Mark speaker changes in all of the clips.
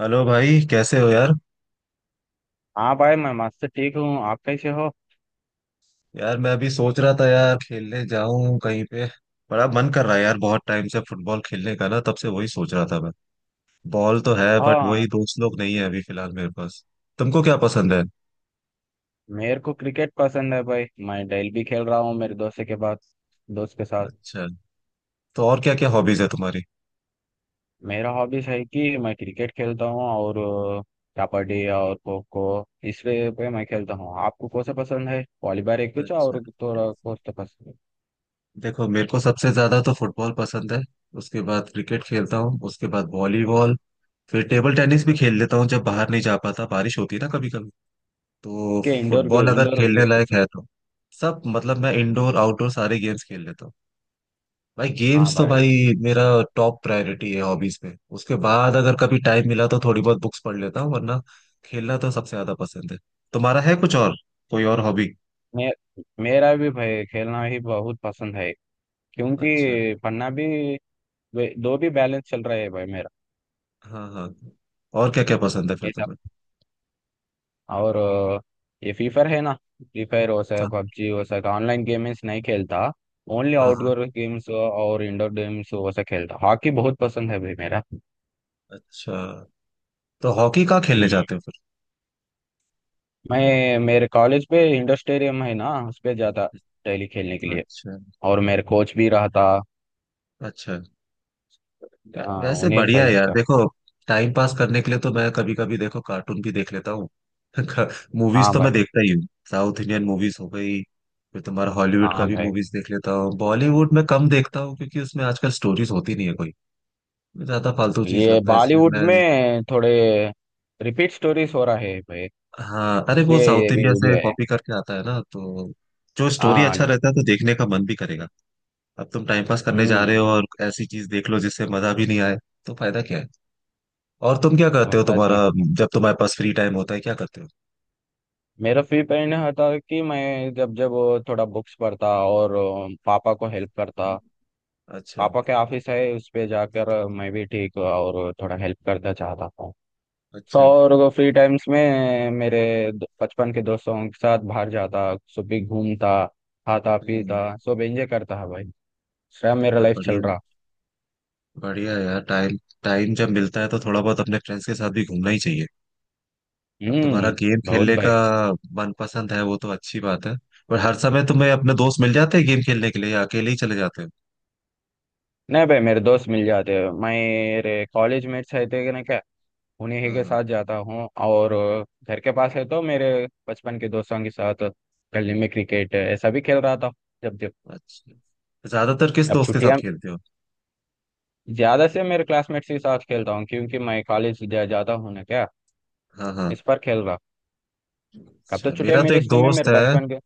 Speaker 1: Hello भाई, कैसे हो यार।
Speaker 2: हाँ भाई, मैं मस्त ठीक हूँ। आप कैसे हो?
Speaker 1: यार मैं अभी सोच रहा था, यार खेलने जाऊं कहीं पे। बड़ा मन कर रहा है यार, बहुत टाइम से फुटबॉल खेलने का ना, तब से वही सोच रहा था मैं। बॉल तो है बट
Speaker 2: हाँ,
Speaker 1: वही दोस्त लोग नहीं है अभी फिलहाल मेरे पास। तुमको क्या पसंद है?
Speaker 2: मेरे को क्रिकेट पसंद है भाई। मैं डेली भी खेल रहा हूँ मेरे दोस्त के साथ।
Speaker 1: अच्छा। तो और क्या क्या हॉबीज है तुम्हारी?
Speaker 2: मेरा हॉबीज है कि मैं क्रिकेट खेलता हूँ और अ, कबड्डी और खो खो इस वे पे मैं खेलता हूँ। आपको कौन सा पसंद है? वॉलीबॉल एक कुछ
Speaker 1: अच्छा,
Speaker 2: और थोड़ा, कौन सा पसंद है?
Speaker 1: देखो मेरे को सबसे ज्यादा तो फुटबॉल पसंद है। उसके बाद क्रिकेट खेलता हूँ, उसके बाद वॉलीबॉल, फिर टेबल टेनिस भी खेल लेता हूँ जब बाहर नहीं जा पाता, बारिश होती है ना कभी कभी। तो
Speaker 2: के इंडोर
Speaker 1: फुटबॉल अगर
Speaker 2: इंडोर
Speaker 1: खेलने लायक
Speaker 2: गेम्स।
Speaker 1: है तो सब मतलब, मैं इंडोर आउटडोर सारे गेम्स खेल लेता हूँ। भाई
Speaker 2: हाँ
Speaker 1: गेम्स तो
Speaker 2: भाई,
Speaker 1: भाई मेरा टॉप प्रायोरिटी है हॉबीज में। उसके बाद अगर कभी टाइम मिला तो थोड़ी बहुत बुक्स पढ़ लेता हूँ, वरना खेलना तो सबसे ज्यादा पसंद है। तुम्हारा है कुछ और, कोई और हॉबी?
Speaker 2: मे, मेरा भी भाई खेलना ही बहुत पसंद है।
Speaker 1: अच्छा।
Speaker 2: क्योंकि पन्ना भी दो भी बैलेंस चल रहा है भाई।
Speaker 1: हाँ हाँ, और क्या क्या पसंद है फिर
Speaker 2: मेरा
Speaker 1: तुम्हें?
Speaker 2: और ये फ्री फायर है ना। फ्री फायर हो सके,
Speaker 1: हाँ
Speaker 2: पबजी हो सके, ऑनलाइन गेम्स नहीं खेलता। ओनली
Speaker 1: हाँ हाँ,
Speaker 2: आउटडोर गेम्स और इंडोर गेम्स वो सब खेलता। हॉकी बहुत पसंद है भाई मेरा। हम्म।
Speaker 1: अच्छा। तो हॉकी कहाँ खेलने जाते हो फिर?
Speaker 2: मैं, मेरे कॉलेज पे इंडोर स्टेडियम है ना, उस पे जाता डेली खेलने के लिए।
Speaker 1: अच्छा,
Speaker 2: और मेरे कोच भी रहा था।
Speaker 1: अच्छा। वै-
Speaker 2: हाँ,
Speaker 1: वैसे
Speaker 2: उन्हें
Speaker 1: बढ़िया है
Speaker 2: सजेस्ट
Speaker 1: यार।
Speaker 2: कर।
Speaker 1: देखो टाइम पास करने के लिए तो मैं कभी कभी देखो कार्टून भी देख लेता हूँ। मूवीज
Speaker 2: हाँ
Speaker 1: तो
Speaker 2: भाई,
Speaker 1: मैं देखता ही हूँ, साउथ इंडियन मूवीज हो गई, फिर तुम्हारा हॉलीवुड का
Speaker 2: हाँ
Speaker 1: भी
Speaker 2: भाई,
Speaker 1: मूवीज देख लेता हूँ। बॉलीवुड में कम देखता हूँ क्योंकि उसमें आजकल स्टोरीज होती नहीं है कोई, ज्यादा फालतू चीज
Speaker 2: ये
Speaker 1: लगता है इसलिए
Speaker 2: बॉलीवुड
Speaker 1: मैं।
Speaker 2: में थोड़े रिपीट स्टोरीज हो रहा है भाई।
Speaker 1: हाँ अरे वो
Speaker 2: इसलिए
Speaker 1: साउथ
Speaker 2: ये भी
Speaker 1: इंडिया
Speaker 2: उड़
Speaker 1: से
Speaker 2: गए।
Speaker 1: कॉपी करके आता है ना, तो जो स्टोरी अच्छा
Speaker 2: हाँ।
Speaker 1: रहता है तो देखने का मन भी करेगा। अब तुम टाइम पास करने जा
Speaker 2: हम्म।
Speaker 1: रहे हो और ऐसी चीज देख लो जिससे मजा भी नहीं आए, तो फायदा क्या है। और तुम क्या करते हो,
Speaker 2: मुमताज
Speaker 1: तुम्हारा
Speaker 2: ने।
Speaker 1: जब तुम्हारे पास फ्री टाइम होता है क्या करते हो?
Speaker 2: मेरा फ्री पीरियड में होता कि मैं जब जब थोड़ा बुक्स पढ़ता और पापा को हेल्प करता।
Speaker 1: अच्छा,
Speaker 2: पापा के ऑफिस है, उस पे जाकर मैं भी ठीक और थोड़ा हेल्प करना चाहता था। सो,
Speaker 1: अच्छा।
Speaker 2: और फ्री टाइम्स में मेरे बचपन के दोस्तों के साथ बाहर जाता। सुबह भी घूमता, खाता,
Speaker 1: हम्म।
Speaker 2: पीता, सब एंजॉय करता है भाई। सब मेरा
Speaker 1: अब
Speaker 2: लाइफ चल
Speaker 1: बढ़िया है,
Speaker 2: रहा।
Speaker 1: बढ़िया है यार। टाइम, टाइम जब मिलता है तो थोड़ा बहुत अपने फ्रेंड्स के साथ भी घूमना ही चाहिए। अब तुम्हारा
Speaker 2: हम्म।
Speaker 1: गेम
Speaker 2: बहुत
Speaker 1: खेलने
Speaker 2: भाई।
Speaker 1: का मन पसंद है वो तो अच्छी बात है। पर हर समय तुम्हें अपने दोस्त मिल जाते हैं गेम खेलने के लिए, या अकेले ही चले जाते हो?
Speaker 2: नहीं भाई, मेरे दोस्त मिल जाते हैं, मेरे कॉलेज मेट्स रहते हैं ना क्या। उन्हीं ही
Speaker 1: हाँ
Speaker 2: के
Speaker 1: हाँ।
Speaker 2: साथ जाता हूँ, और घर के पास है तो मेरे बचपन के दोस्तों के साथ गली में क्रिकेट ऐसा भी खेल रहा था जब जब।
Speaker 1: अच्छा, ज्यादातर किस
Speaker 2: अब
Speaker 1: दोस्त के साथ
Speaker 2: छुट्टियां,
Speaker 1: खेलते हो?
Speaker 2: ज्यादा से मेरे क्लासमेट्स के साथ खेलता हूँ क्योंकि मैं कॉलेज जा जाता हूँ ना क्या।
Speaker 1: हाँ हाँ।
Speaker 2: इस पर खेल रहा। कब तो
Speaker 1: अच्छा,
Speaker 2: छुट्टियां
Speaker 1: मेरा तो
Speaker 2: मिले
Speaker 1: एक
Speaker 2: इस time में
Speaker 1: दोस्त
Speaker 2: मेरे
Speaker 1: है।
Speaker 2: बचपन के।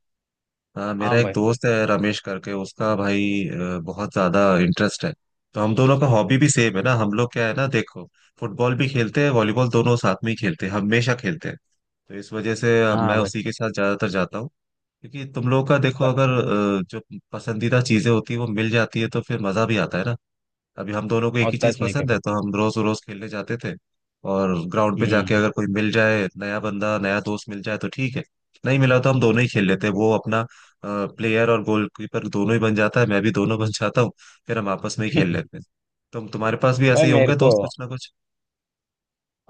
Speaker 1: हाँ
Speaker 2: हाँ
Speaker 1: मेरा एक
Speaker 2: भाई,
Speaker 1: दोस्त है रमेश करके, उसका भाई बहुत ज्यादा इंटरेस्ट है। तो हम दोनों का हॉबी भी सेम है ना। हम लोग क्या है ना, देखो फुटबॉल भी खेलते हैं, वॉलीबॉल दोनों साथ में ही खेलते हैं, हमेशा खेलते हैं। तो इस वजह से मैं
Speaker 2: हाँ भाई,
Speaker 1: उसी के साथ ज्यादातर जाता हूँ। क्योंकि तुम लोगों का देखो,
Speaker 2: ब-
Speaker 1: अगर जो पसंदीदा चीजें होती है वो मिल जाती है तो फिर मजा भी आता है ना। अभी हम दोनों को एक
Speaker 2: और
Speaker 1: ही चीज
Speaker 2: टच नहीं कर
Speaker 1: पसंद है
Speaker 2: पाया।
Speaker 1: तो हम रोज रोज खेलने जाते थे। और ग्राउंड पे जाके
Speaker 2: हम्म।
Speaker 1: अगर कोई मिल जाए, नया बंदा नया दोस्त मिल जाए तो ठीक है, नहीं मिला तो हम दोनों ही खेल लेते हैं। वो अपना प्लेयर और गोलकीपर दोनों ही बन जाता है, मैं भी दोनों बन जाता हूँ। फिर हम आपस में ही खेल लेते हैं। तुम्हारे पास भी ऐसे
Speaker 2: भाई
Speaker 1: ही
Speaker 2: मेरे
Speaker 1: होंगे
Speaker 2: को,
Speaker 1: दोस्त कुछ ना कुछ।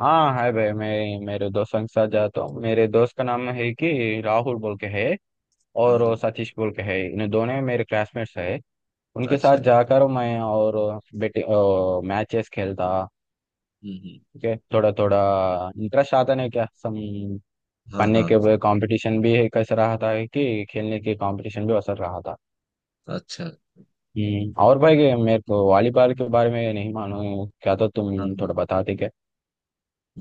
Speaker 2: हाँ है भाई, मैं मेरे दोस्तों के साथ जाता हूँ। मेरे दोस्त का नाम है कि राहुल बोल के है,
Speaker 1: हाँ
Speaker 2: और
Speaker 1: हाँ,
Speaker 2: सतीश बोल के है। इन दोनों मेरे क्लासमेट्स है। उनके साथ
Speaker 1: अच्छा।
Speaker 2: जाकर मैं और बेटे मैचेस खेलता।
Speaker 1: हम्म हम्म,
Speaker 2: ओके, थोड़ा थोड़ा इंटरेस्ट आता नहीं क्या सम।
Speaker 1: हाँ
Speaker 2: पढ़ने
Speaker 1: हाँ।
Speaker 2: के कंपटीशन भी कैसा रहा था कि खेलने के कंपटीशन भी असर रहा था।
Speaker 1: अच्छा।
Speaker 2: हम्म। और भाई ये मेरे को वॉलीबॉल के बारे में नहीं मालूम क्या, तो तुम
Speaker 1: हाँ हाँ,
Speaker 2: थोड़ा बताते क्या?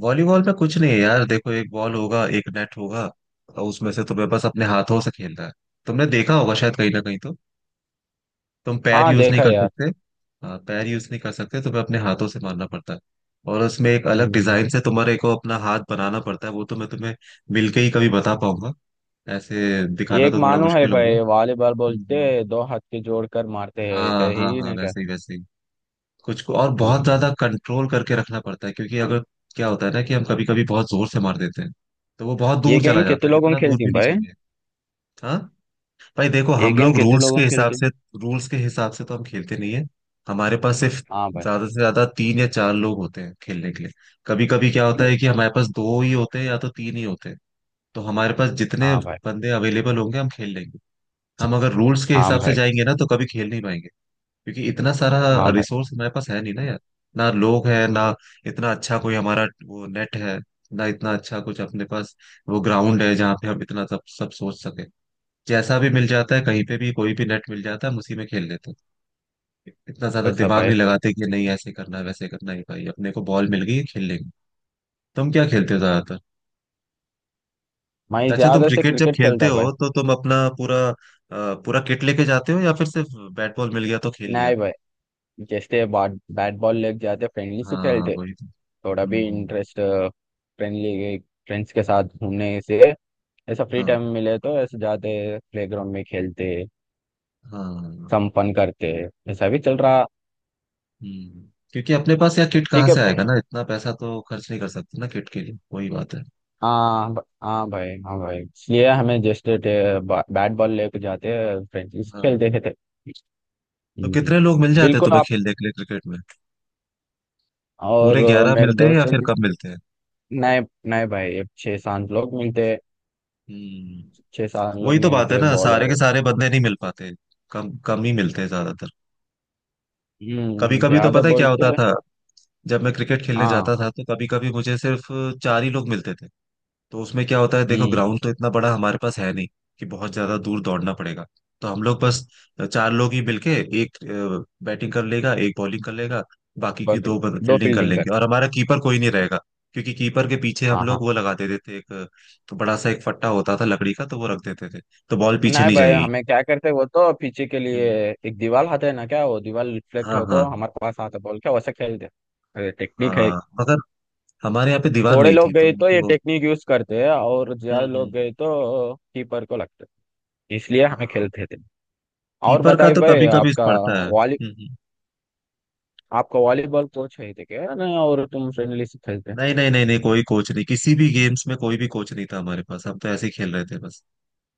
Speaker 1: वॉलीबॉल में कुछ नहीं है यार। देखो एक बॉल होगा, एक नेट होगा, और उसमें से तुम्हें बस अपने हाथों से खेलना है। तुमने देखा होगा शायद कहीं ना कहीं तो। तुम पैर
Speaker 2: हाँ,
Speaker 1: यूज नहीं
Speaker 2: देखा
Speaker 1: कर
Speaker 2: यार।
Speaker 1: सकते। हाँ पैर यूज नहीं कर सकते, तुम्हें अपने हाथों से मारना पड़ता है। और उसमें एक अलग
Speaker 2: हम्म।
Speaker 1: डिजाइन से तुम्हारे को अपना हाथ बनाना पड़ता है, वो तो मैं तुम्हें मिलके ही कभी बता पाऊंगा। ऐसे दिखाना
Speaker 2: एक
Speaker 1: तो थोड़ा
Speaker 2: मालूम है
Speaker 1: मुश्किल होगा।
Speaker 2: भाई, वॉलीबॉल बोलते
Speaker 1: हम्म।
Speaker 2: दो हाथ के जोड़कर मारते हैं
Speaker 1: हाँ
Speaker 2: ऐसे
Speaker 1: हाँ
Speaker 2: ही
Speaker 1: हाँ,
Speaker 2: ना क्या।
Speaker 1: वैसे ही वैसे ही। कुछ को और बहुत
Speaker 2: हम्म।
Speaker 1: ज्यादा कंट्रोल करके रखना पड़ता है, क्योंकि अगर क्या होता है ना, कि हम कभी कभी बहुत जोर से मार देते हैं तो वो बहुत
Speaker 2: ये
Speaker 1: दूर चला
Speaker 2: गेम
Speaker 1: जाता
Speaker 2: कितने
Speaker 1: है।
Speaker 2: लोगों
Speaker 1: इतना दूर
Speaker 2: खेलती
Speaker 1: भी
Speaker 2: हैं
Speaker 1: नहीं
Speaker 2: भाई?
Speaker 1: चाहिए। हाँ। भाई देखो,
Speaker 2: ये
Speaker 1: हम
Speaker 2: गेम
Speaker 1: लोग
Speaker 2: कितने
Speaker 1: रूल्स के
Speaker 2: लोगों
Speaker 1: हिसाब
Speaker 2: खेलती हैं?
Speaker 1: से, रूल्स के हिसाब से तो हम खेलते नहीं है। हमारे पास सिर्फ
Speaker 2: हाँ
Speaker 1: ज्यादा से ज्यादा तीन या चार लोग होते हैं खेलने के लिए। कभी कभी क्या होता
Speaker 2: भाई।
Speaker 1: है कि हमारे पास दो ही होते हैं या तो तीन ही होते हैं। तो हमारे पास जितने
Speaker 2: हाँ भाई।
Speaker 1: बंदे अवेलेबल होंगे हम खेल लेंगे। हम अगर रूल्स के
Speaker 2: हाँ
Speaker 1: हिसाब से
Speaker 2: भाई।
Speaker 1: जाएंगे ना तो कभी खेल नहीं पाएंगे। क्योंकि इतना सारा
Speaker 2: हाँ भाई।
Speaker 1: रिसोर्स हमारे पास है नहीं ना यार। ना लोग है ना, इतना अच्छा कोई हमारा वो नेट है, ना इतना अच्छा कुछ अपने पास वो ग्राउंड है जहाँ पे हम इतना सब सब सोच सके। जैसा भी मिल जाता है, कहीं पे भी कोई भी नेट मिल जाता है, हम उसी में खेल लेते हैं। इतना ज्यादा
Speaker 2: वैसा
Speaker 1: दिमाग नहीं
Speaker 2: भाई।
Speaker 1: लगाते कि नहीं ऐसे करना है वैसे करना है। भाई अपने को बॉल मिल गई खेल लेंगे। तुम क्या खेलते हो ज्यादातर?
Speaker 2: मैं
Speaker 1: अच्छा, तुम
Speaker 2: ज्यादा से
Speaker 1: क्रिकेट जब
Speaker 2: क्रिकेट
Speaker 1: खेलते
Speaker 2: खेलता भाई।
Speaker 1: हो तो तुम अपना पूरा पूरा किट लेके जाते हो, या फिर सिर्फ बैट बॉल मिल गया तो खेल लिया?
Speaker 2: नहीं भाई, जैसे बाट बैट बॉल लेके जाते फ्रेंडली से
Speaker 1: हाँ
Speaker 2: खेलते।
Speaker 1: वही तो।
Speaker 2: थोड़ा भी
Speaker 1: हम्म हम्म,
Speaker 2: इंटरेस्ट फ्रेंडली फ्रेंड्स के साथ घूमने से, ऐसा फ्री
Speaker 1: हाँ
Speaker 2: टाइम मिले तो ऐसे जाते, प्लेग्राउंड में खेलते,
Speaker 1: हाँ।
Speaker 2: संपन्न करते, ऐसा भी चल रहा।
Speaker 1: हम्म, क्योंकि अपने पास यार किट कहाँ
Speaker 2: ठीक है।
Speaker 1: से आएगा ना, इतना पैसा तो खर्च नहीं कर सकते ना किट के लिए, वही बात है।
Speaker 2: हाँ, हाँ भाई, हाँ भाई, इसलिए हमें जस्ट बैट बॉल लेके जाते फ्रेंडली से
Speaker 1: हाँ,
Speaker 2: खेलते खेलते।
Speaker 1: तो
Speaker 2: हम्म।
Speaker 1: कितने लोग मिल जाते हैं
Speaker 2: बिल्कुल
Speaker 1: तुम्हें
Speaker 2: आप
Speaker 1: खेलने के लिए क्रिकेट में?
Speaker 2: और
Speaker 1: पूरे ग्यारह
Speaker 2: मेरे
Speaker 1: मिलते हैं
Speaker 2: दोस्त
Speaker 1: या फिर
Speaker 2: से।
Speaker 1: कम मिलते हैं?
Speaker 2: नहीं, नहीं भाई, अब छह सात लोग मिलते हैं।
Speaker 1: हम्म,
Speaker 2: छह सात लोग
Speaker 1: वही तो बात
Speaker 2: मिलते
Speaker 1: है
Speaker 2: हैं
Speaker 1: ना, सारे
Speaker 2: बॉलर।
Speaker 1: के सारे बंदे नहीं मिल पाते, कम कम ही मिलते हैं ज्यादातर। कभी
Speaker 2: हम्म।
Speaker 1: कभी तो
Speaker 2: ज्यादा
Speaker 1: पता है क्या
Speaker 2: बोलते
Speaker 1: होता
Speaker 2: हैं।
Speaker 1: था, जब मैं क्रिकेट खेलने
Speaker 2: हाँ।
Speaker 1: जाता था तो कभी कभी मुझे सिर्फ चार ही लोग मिलते थे। तो उसमें क्या होता है, देखो
Speaker 2: हम्म।
Speaker 1: ग्राउंड तो इतना बड़ा हमारे पास है नहीं कि बहुत ज्यादा दूर दौड़ना पड़ेगा। तो हम लोग बस चार लोग ही मिलके, एक बैटिंग कर लेगा, एक बॉलिंग कर लेगा, बाकी की
Speaker 2: बग-
Speaker 1: दो
Speaker 2: दो
Speaker 1: फील्डिंग कर
Speaker 2: फील्डिंग कर।
Speaker 1: लेंगे और हमारा कीपर कोई नहीं रहेगा। क्योंकि कीपर के पीछे हम
Speaker 2: हाँ, हाँ।
Speaker 1: लोग वो लगा देते थे एक तो बड़ा सा एक फट्टा होता था लकड़ी का, तो वो रख देते थे तो बॉल पीछे
Speaker 2: नहीं
Speaker 1: नहीं
Speaker 2: भाई,
Speaker 1: जाएगी।
Speaker 2: हमें क्या करते, वो तो पीछे के लिए
Speaker 1: हम्म,
Speaker 2: एक दीवार आते है ना क्या, वो दीवार रिफ्लेक्ट
Speaker 1: हाँ
Speaker 2: होकर
Speaker 1: हाँ।
Speaker 2: हमारे पास आता बॉल क्या, वैसे खेलते। अरे टेक्निक है।
Speaker 1: हाँ मगर हमारे यहाँ पे दीवार
Speaker 2: थोड़े
Speaker 1: नहीं थी
Speaker 2: लोग
Speaker 1: तो
Speaker 2: गए तो ये
Speaker 1: हमको।
Speaker 2: टेक्निक यूज करते हैं, और ज्यादा
Speaker 1: हम्म।
Speaker 2: लोग गए तो कीपर को लगते हैं। इसलिए हमें
Speaker 1: हाँ
Speaker 2: खेलते थे। और
Speaker 1: कीपर का
Speaker 2: बताइए
Speaker 1: तो
Speaker 2: भाई,
Speaker 1: कभी कभी
Speaker 2: आपका
Speaker 1: पड़ता है।
Speaker 2: वॉली
Speaker 1: हम्म।
Speaker 2: वॉलीबॉल कोच है थे क्या नहीं, और तुम फ्रेंडली से खेलते।
Speaker 1: नहीं नहीं नहीं नहीं, कोई कोच नहीं, किसी भी गेम्स में कोई भी कोच नहीं था हमारे पास। हम तो ऐसे ही खेल रहे थे बस।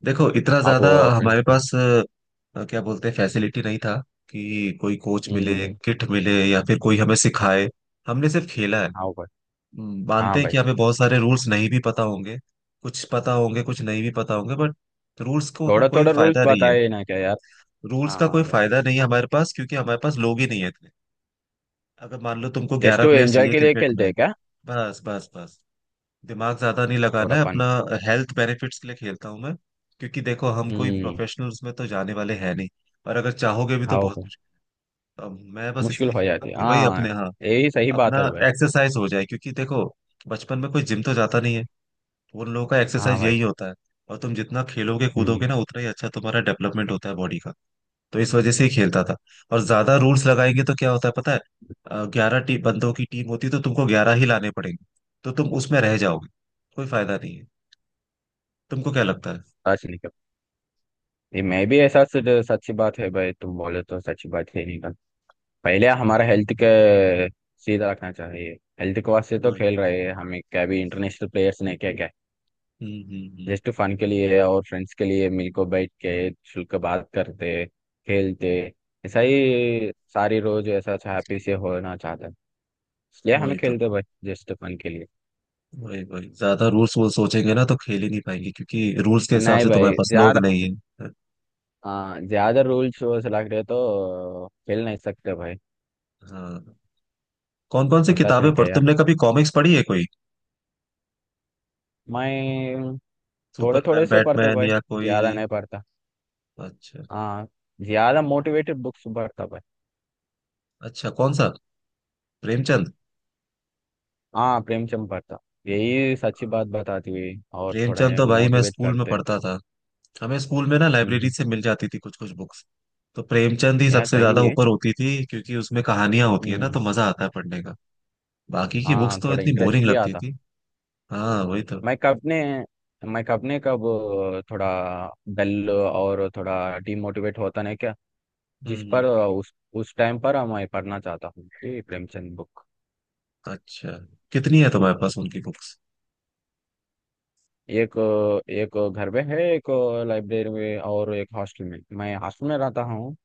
Speaker 1: देखो इतना
Speaker 2: आप
Speaker 1: ज्यादा हमारे
Speaker 2: फ्रेंड्स में।
Speaker 1: पास क्या बोलते हैं फैसिलिटी नहीं था कि कोई कोच मिले,
Speaker 2: हम्म।
Speaker 1: किट मिले, या फिर कोई हमें सिखाए। हमने सिर्फ खेला है।
Speaker 2: हाँ भाई,
Speaker 1: मानते
Speaker 2: हाँ
Speaker 1: हैं
Speaker 2: भाई,
Speaker 1: कि हमें बहुत सारे रूल्स नहीं भी पता होंगे, कुछ पता होंगे कुछ नहीं भी पता होंगे, बट
Speaker 2: थोड़ा
Speaker 1: कोई
Speaker 2: थोड़ा रूल्स
Speaker 1: फायदा नहीं है।
Speaker 2: बताए ना क्या यार।
Speaker 1: रूल्स का
Speaker 2: हाँ
Speaker 1: कोई
Speaker 2: यार,
Speaker 1: फायदा नहीं है हमारे पास, क्योंकि हमारे पास लोग ही नहीं है इतने। अगर मान लो तुमको
Speaker 2: जस्ट
Speaker 1: ग्यारह
Speaker 2: वो
Speaker 1: प्लेयर
Speaker 2: एंजॉय
Speaker 1: चाहिए
Speaker 2: के लिए
Speaker 1: क्रिकेट
Speaker 2: खेलते
Speaker 1: में।
Speaker 2: हैं क्या,
Speaker 1: बस बस बस, दिमाग ज्यादा नहीं लगाना
Speaker 2: थोड़ा
Speaker 1: है
Speaker 2: फन।
Speaker 1: अपना, हेल्थ बेनिफिट्स के लिए खेलता हूं मैं। क्योंकि देखो हम कोई
Speaker 2: हम्म।
Speaker 1: प्रोफेशनल्स में तो जाने वाले हैं नहीं, और अगर चाहोगे भी तो
Speaker 2: हाँ
Speaker 1: बहुत
Speaker 2: भाई,
Speaker 1: मुश्किल। अब मैं बस
Speaker 2: मुश्किल
Speaker 1: इसलिए
Speaker 2: हो
Speaker 1: खेलता
Speaker 2: जाती
Speaker 1: हूँ
Speaker 2: है।
Speaker 1: कि भाई
Speaker 2: हाँ,
Speaker 1: अपने, हाँ
Speaker 2: यही सही बात
Speaker 1: अपना
Speaker 2: है भाई।
Speaker 1: एक्सरसाइज हो जाए। क्योंकि देखो बचपन में कोई जिम तो जाता नहीं है, उन लोगों का
Speaker 2: हाँ
Speaker 1: एक्सरसाइज
Speaker 2: भाई।
Speaker 1: यही होता है। और तुम जितना खेलोगे
Speaker 2: हम्म।
Speaker 1: कूदोगे ना, उतना ही अच्छा तुम्हारा डेवलपमेंट होता है बॉडी का। तो इस वजह से ही खेलता था। और ज्यादा रूल्स लगाएंगे तो क्या होता है पता है, ग्यारह टी बंदों की टीम होती है तो तुमको ग्यारह ही लाने पड़ेंगे, तो तुम उसमें रह जाओगे। कोई फायदा नहीं है। तुमको क्या लगता है?
Speaker 2: सच निकल, ये मैं भी ऐसा सच्ची बात है भाई, तुम बोले तो सच्ची बात है निकल। पहले हमारा हेल्थ के सीधा रखना चाहिए। हेल्थ के वास्ते तो
Speaker 1: वही।
Speaker 2: खेल रहे हैं, हमें क्या भी इंटरनेशनल प्लेयर्स ने क्या क्या।
Speaker 1: हम्म हम्म हम्म,
Speaker 2: जस्ट फन के लिए और फ्रेंड्स के लिए मिलकर बैठ के शुल्क बात करते, खेलते, ऐसा ही सारी रोज ऐसा हैप्पी से होना चाहता है। इसलिए हमें
Speaker 1: वही तो।
Speaker 2: खेलते भाई, जस्ट फन के लिए।
Speaker 1: वही वही, ज्यादा रूल्स वो सोचेंगे ना तो खेल ही नहीं पाएंगे क्योंकि रूल्स के हिसाब
Speaker 2: नहीं
Speaker 1: से तुम्हारे
Speaker 2: भाई,
Speaker 1: पास लोग
Speaker 2: ज्यादा।
Speaker 1: नहीं है।
Speaker 2: हाँ, ज्यादा रूल्स लग रहे तो खेल नहीं सकते भाई।
Speaker 1: हाँ। कौन कौन सी
Speaker 2: होता अच्छा
Speaker 1: किताबें
Speaker 2: नहीं क्या
Speaker 1: पढ़,
Speaker 2: यार?
Speaker 1: तुमने कभी कॉमिक्स पढ़ी है कोई,
Speaker 2: मैं थोड़े थोड़े
Speaker 1: सुपरमैन
Speaker 2: से पढ़ता
Speaker 1: बैटमैन
Speaker 2: भाई,
Speaker 1: या कोई?
Speaker 2: ज्यादा नहीं पढ़ता।
Speaker 1: अच्छा।
Speaker 2: हाँ, ज्यादा मोटिवेटेड बुक्स पढ़ता भाई।
Speaker 1: अच्छा, कौन सा? प्रेमचंद?
Speaker 2: हाँ, प्रेमचंद पढ़ता। यही सच्ची बात
Speaker 1: हाँ।
Speaker 2: बताती हुई और
Speaker 1: प्रेमचंद
Speaker 2: थोड़े
Speaker 1: तो भाई मैं
Speaker 2: मोटिवेट
Speaker 1: स्कूल में
Speaker 2: करते
Speaker 1: पढ़ता था। हमें स्कूल में ना लाइब्रेरी
Speaker 2: हैं।
Speaker 1: से मिल जाती थी कुछ कुछ बुक्स, तो प्रेमचंद ही
Speaker 2: यार
Speaker 1: सबसे
Speaker 2: सही
Speaker 1: ज्यादा
Speaker 2: है।
Speaker 1: ऊपर होती थी क्योंकि उसमें कहानियां होती है ना तो
Speaker 2: हम्म।
Speaker 1: मजा आता है पढ़ने का। बाकी की बुक्स
Speaker 2: हाँ,
Speaker 1: तो
Speaker 2: थोड़ा
Speaker 1: इतनी बोरिंग
Speaker 2: इंटरेस्ट भी
Speaker 1: लगती
Speaker 2: आता।
Speaker 1: थी। हाँ वही तो।
Speaker 2: मैं कब ने मैं कब ने कब, थोड़ा डल और थोड़ा डिमोटिवेट होता नहीं क्या। जिस
Speaker 1: हम्म।
Speaker 2: पर उस टाइम पर मैं पढ़ना चाहता हूँ कि प्रेमचंद बुक।
Speaker 1: अच्छा, कितनी है तुम्हारे पास उनकी बुक्स?
Speaker 2: एक एक घर में है, एक लाइब्रेरी में और एक हॉस्टल में। मैं हॉस्टल में रहता हूँ।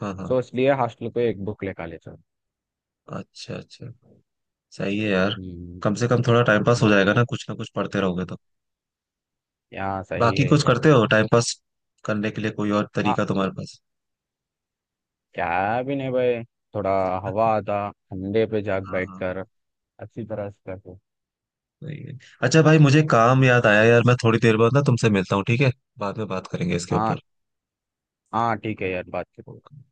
Speaker 1: हाँ हाँ।
Speaker 2: सो इसलिए हॉस्टल को एक बुक लेकर ले चलो।
Speaker 1: अच्छा अच्छा, सही है यार।
Speaker 2: हम्म,
Speaker 1: कम से कम थोड़ा टाइम पास हो
Speaker 2: हम्म,
Speaker 1: जाएगा ना, कुछ ना कुछ पढ़ते रहोगे तो।
Speaker 2: यहाँ सही
Speaker 1: बाकी
Speaker 2: है
Speaker 1: कुछ
Speaker 2: यार।
Speaker 1: करते हो टाइम पास करने के लिए, कोई और
Speaker 2: हाँ,
Speaker 1: तरीका तुम्हारे पास?
Speaker 2: क्या भी नहीं भाई, थोड़ा हवा आता ठंडे पे जाग
Speaker 1: हाँ हाँ।
Speaker 2: बैठकर। अच्छी तरह से कर दो।
Speaker 1: सही है। अच्छा भाई मुझे काम याद आया यार, मैं थोड़ी देर बाद ना तुमसे मिलता हूँ, ठीक है? बाद में बात करेंगे इसके
Speaker 2: हाँ, हाँ, ठीक है यार। बात।
Speaker 1: ऊपर।